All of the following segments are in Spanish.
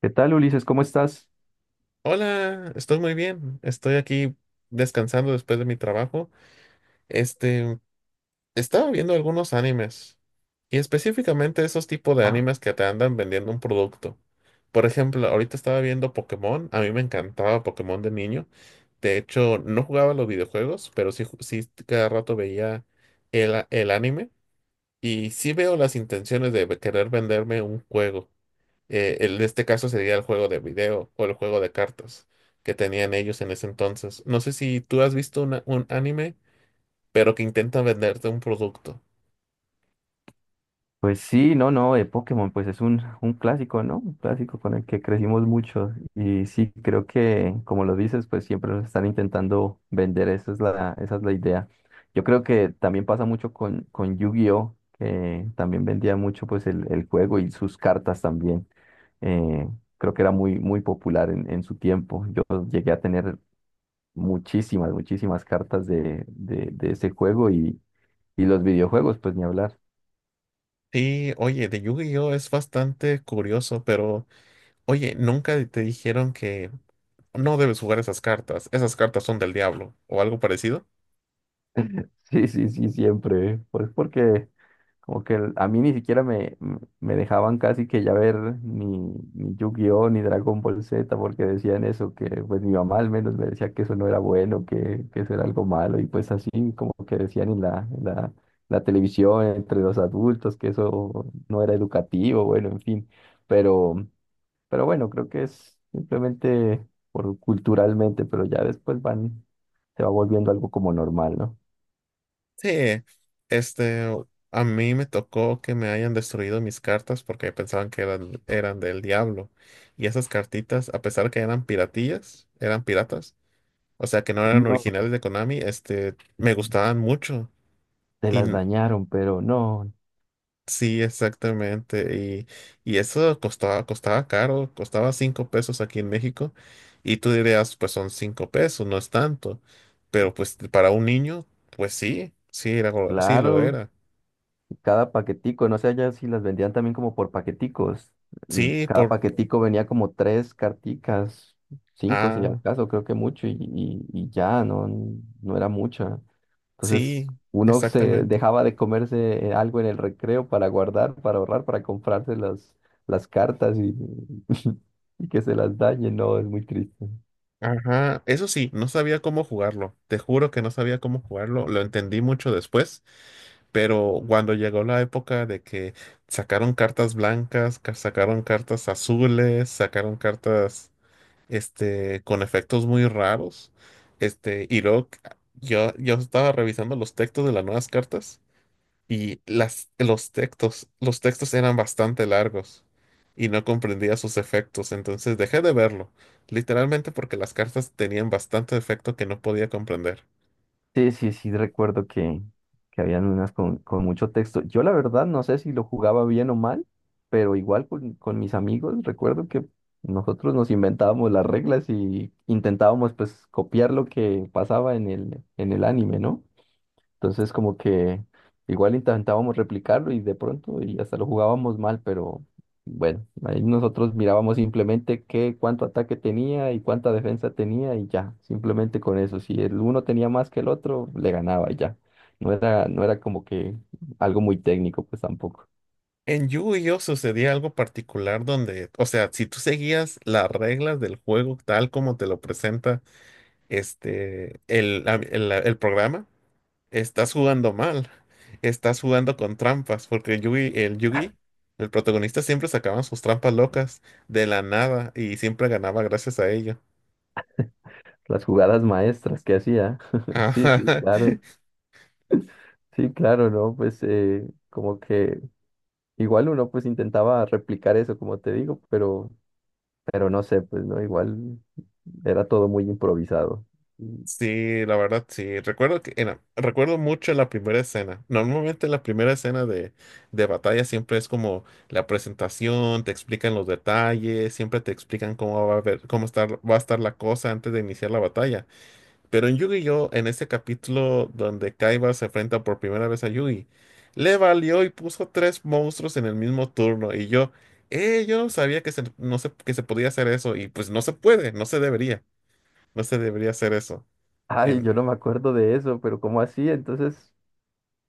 ¿Qué tal, Ulises? ¿Cómo estás? Hola, estoy muy bien. Estoy aquí descansando después de mi trabajo. Este, estaba viendo algunos animes y específicamente esos tipos de Ah, animes que te andan vendiendo un producto. Por ejemplo, ahorita estaba viendo Pokémon. A mí me encantaba Pokémon de niño. De hecho, no jugaba los videojuegos, pero sí, sí cada rato veía el anime y sí veo las intenciones de querer venderme un juego. En este caso sería el juego de video o el juego de cartas que tenían ellos en ese entonces. No sé si tú has visto un anime, pero que intenta venderte un producto. pues sí, no, no, de Pokémon, pues es un clásico, ¿no? Un clásico con el que crecimos mucho. Y sí, creo que, como lo dices, pues siempre nos están intentando vender, esa es la idea. Yo creo que también pasa mucho con Yu-Gi-Oh, que también vendía mucho pues el juego y sus cartas también. Eh, Creo que era muy, muy popular en su tiempo. Yo llegué a tener muchísimas, muchísimas cartas de ese juego y los videojuegos, pues ni hablar. Sí, oye, de Yu-Gi-Oh es bastante curioso, pero oye, nunca te dijeron que no debes jugar esas cartas. Esas cartas son del diablo o algo parecido. Sí, sí, sí, siempre. ¿Eh? Pues porque como que a mí ni siquiera me dejaban casi que ya ver ni, ni Yu-Gi-Oh! Ni Dragon Ball Z porque decían eso, que pues mi mamá al menos me decía que eso no era bueno, que eso era algo malo y pues así como que decían la televisión entre los adultos que eso no era educativo, bueno, en fin. Pero... Pero bueno, creo que es simplemente por culturalmente, pero ya después van, se va volviendo algo como normal, ¿no? Sí, este, a mí me tocó que me hayan destruido mis cartas porque pensaban que eran del diablo. Y esas cartitas, a pesar que eran piratillas, eran piratas, o sea que no eran No, originales de Konami. Me gustaban mucho. te Y las n- dañaron, pero no, sí, exactamente. Y eso costaba caro, costaba 5 pesos aquí en México. Y tú dirías, pues son 5 pesos, no es tanto. Pero pues para un niño, pues sí, sí, sí lo claro, era. cada paquetico, no sé allá si las vendían también como por paqueticos. Sí, Cada paquetico venía como tres carticas, cinco si ah, acaso, creo que mucho, y ya, no, no era mucha. Entonces, sí, uno se exactamente. dejaba de comerse algo en el recreo para guardar, para ahorrar, para comprarse las cartas y, y que se las dañen. No, es muy triste. Ajá, eso sí, no sabía cómo jugarlo. Te juro que no sabía cómo jugarlo. Lo entendí mucho después, pero cuando llegó la época de que sacaron cartas blancas, sacaron cartas azules, sacaron cartas, con efectos muy raros, y luego yo estaba revisando los textos de las nuevas cartas. Y los textos eran bastante largos y no comprendía sus efectos, entonces dejé de verlo, literalmente porque las cartas tenían bastante efecto que no podía comprender. Sí, sí, sí, recuerdo que habían unas con mucho texto. Yo la verdad no sé si lo jugaba bien o mal, pero igual con mis amigos recuerdo que nosotros nos inventábamos las reglas y intentábamos pues copiar lo que pasaba en el anime, ¿no? Entonces como que igual intentábamos replicarlo y de pronto y hasta lo jugábamos mal, pero bueno, ahí nosotros mirábamos simplemente qué, cuánto ataque tenía y cuánta defensa tenía y ya, simplemente con eso. Si el uno tenía más que el otro, le ganaba y ya. No era como que algo muy técnico, pues tampoco. En Yu-Gi-Oh! Sucedía algo particular donde, o sea, si tú seguías las reglas del juego tal como te lo presenta este, el, el programa. Estás jugando mal. Estás jugando con trampas, porque el Yugi, el protagonista siempre sacaban sus trampas locas de la nada y siempre ganaba gracias a ello. Las jugadas maestras que hacía. Sí, sí, Ajá. claro. Sí, claro, ¿no? Pues como que igual uno pues intentaba replicar eso, como te digo, pero no sé, pues no, igual era todo muy improvisado. Y, Sí, la verdad, sí. Recuerdo que recuerdo mucho la primera escena. Normalmente la primera escena de batalla siempre es como la presentación, te explican los detalles, siempre te explican cómo va a ver, cómo estar, va a estar la cosa antes de iniciar la batalla. Pero en Yu-Gi-Oh, en este capítulo donde Kaiba se enfrenta por primera vez a Yugi, le valió y puso tres monstruos en el mismo turno. Y yo no sabía que se, no se, que se podía hacer eso. Y pues no se puede, no se debería hacer eso. Ay, En, yo no me acuerdo de eso, pero ¿cómo así? Entonces,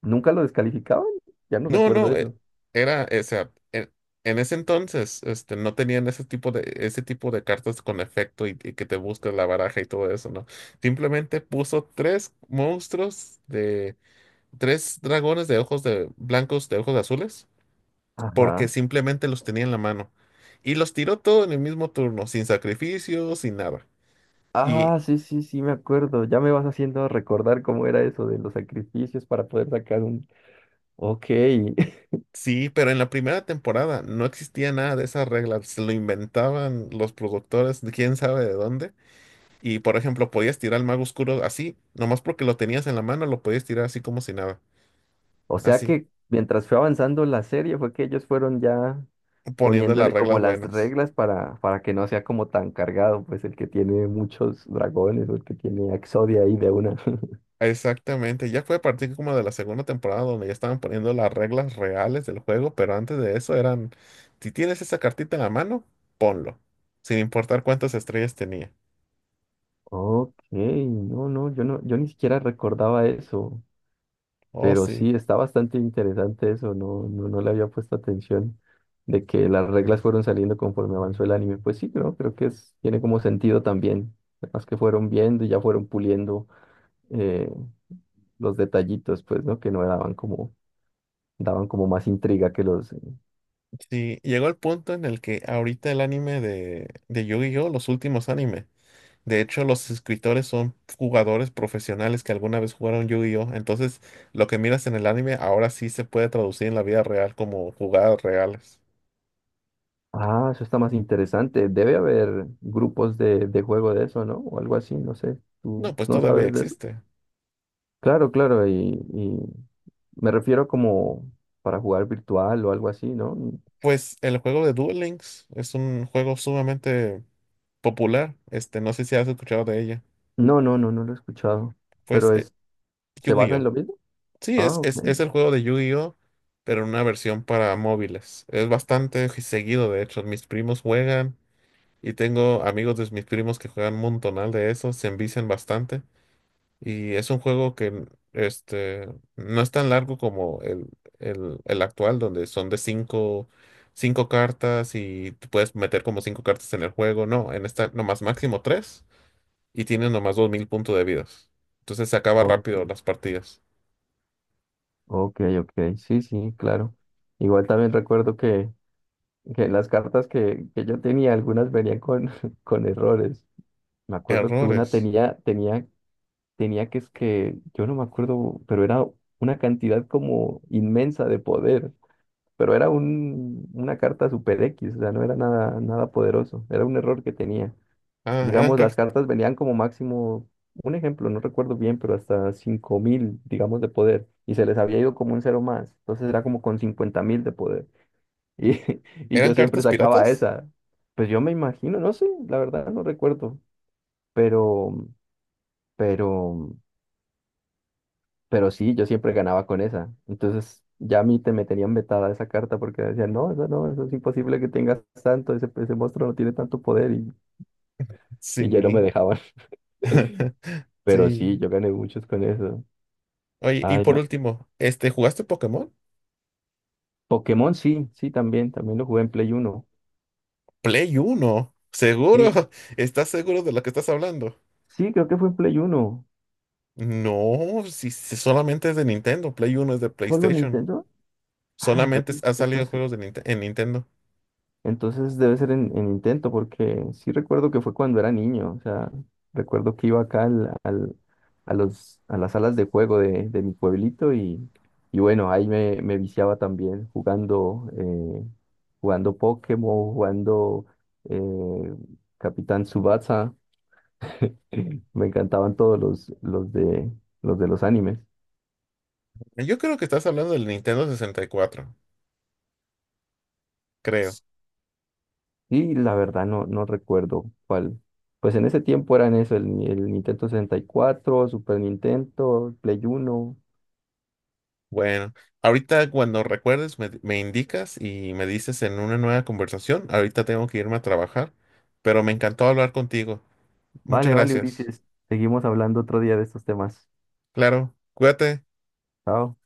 ¿nunca lo descalificaban? Ya no no, recuerdo no, eso. O sea, en ese entonces, no tenían ese tipo de cartas con efecto y que te buscas la baraja y todo eso, ¿no? Simplemente puso tres monstruos de tres dragones de ojos de blancos de ojos azules, porque Ajá. simplemente los tenía en la mano y los tiró todo en el mismo turno, sin sacrificio, sin nada. Y Ah, sí, sí, sí, me acuerdo. Ya me vas haciendo recordar cómo era eso de los sacrificios para poder sacar un. Ok. sí, pero en la primera temporada no existía nada de esas reglas. Se lo inventaban los productores de quién sabe de dónde, y por ejemplo podías tirar al mago oscuro así nomás, porque lo tenías en la mano lo podías tirar así como si nada, O sea así que mientras fue avanzando la serie fue que ellos fueron ya poniendo las poniéndole reglas como las buenas. reglas para que no sea como tan cargado, pues el que tiene muchos dragones o el que tiene a Exodia ahí de una. Exactamente, ya fue a partir como de la segunda temporada donde ya estaban poniendo las reglas reales del juego, pero antes de eso eran, si tienes esa cartita en la mano, ponlo, sin importar cuántas estrellas tenía. Ok, no, no, yo no, yo ni siquiera recordaba eso, Oh, pero sí. sí, está bastante interesante eso, no, no, no le había puesto atención de que las reglas fueron saliendo conforme avanzó el anime. Pues sí, creo, creo que es, tiene como sentido también, además que fueron viendo y ya fueron puliendo eh, los detallitos, pues, ¿no? Que no daban como, daban como más intriga que los. Sí, llegó el punto en el que ahorita el anime de Yu-Gi-Oh, los últimos anime, de hecho los escritores son jugadores profesionales que alguna vez jugaron Yu-Gi-Oh, entonces lo que miras en el anime ahora sí se puede traducir en la vida real como jugadas reales. Ah, eso está más interesante, debe haber grupos de juego de eso, ¿no? O algo así, no sé, ¿tú No, pues no todavía sabes de eso? existe. Claro, claro, y me refiero como para jugar virtual o algo así, ¿no? Pues el juego de Duel Links es un juego sumamente popular. No sé si has escuchado de ella. No, no, no, no lo he escuchado, Pues pero es, ¿se basa en Yu-Gi-Oh! lo mismo? Sí, Ah, es, ok, es, es el juego de Yu-Gi-Oh!, pero en una versión para móviles. Es bastante seguido, de hecho. Mis primos juegan y tengo amigos de mis primos que juegan un montonal de eso. Se envician bastante. Y es un juego que este, no es tan largo como el actual, donde son de cinco cartas y te puedes meter como cinco cartas en el juego. No, en esta nomás máximo tres y tienes nomás 2000 puntos de vidas. Entonces se acaba ok, rápido las partidas. ok, ok, sí, sí, claro. Igual también recuerdo que las cartas que yo tenía, algunas venían con, con errores. Me acuerdo que una Errores. tenía, tenía que es que, yo no me acuerdo, pero era una cantidad como inmensa de poder. Pero era una carta super X, o sea, no era nada, nada poderoso, era un error que tenía. Ah, Digamos, las cartas venían como máximo, un ejemplo, no recuerdo bien, pero hasta 5000 digamos, de poder, y se les había ido como un cero más, entonces era como con 50.000 de poder, y, y yo eran siempre cartas sacaba piratas? esa. Pues yo me imagino, no sé, la verdad no recuerdo, pero, pero Pero sí, yo siempre ganaba con esa. Entonces ya a mí te me tenían vetada esa carta porque decían, no, eso no, eso es imposible que tengas tanto, ese monstruo no tiene tanto poder y ya no me Sí. dejaban. Pero sí, Sí. yo gané muchos con eso. Oye, y Ay, por ma- último, ¿jugaste Pokémon? Pokémon sí, sí, también, también lo jugué en Play 1. Play uno. ¿Seguro? Sí, ¿Estás seguro de lo que estás hablando? sí, creo que fue en Play 1. No, si solamente es de Nintendo. Play Uno es de ¿Solo PlayStation. Nintendo? Ah, Solamente entonces, ha salido entonces juegos de en Nintendo. Entonces debe ser en intento, porque sí recuerdo que fue cuando era niño, o sea, recuerdo que iba acá a las salas de juego de mi pueblito y bueno, ahí me viciaba también jugando, jugando Pokémon, jugando eh, Capitán Tsubasa, me encantaban todos los de los animes. Yo creo que estás hablando del Nintendo 64, creo. Y la verdad no, no recuerdo cuál. Pues en ese tiempo eran eso, el, Ni- el Nintendo 64, Super Nintendo, Play 1. Bueno, ahorita cuando recuerdes me indicas y me dices en una nueva conversación. Ahorita tengo que irme a trabajar, pero me encantó hablar contigo. Muchas Vale, vale, gracias. Ulises. Seguimos hablando otro día de estos temas. Claro, cuídate. Chao.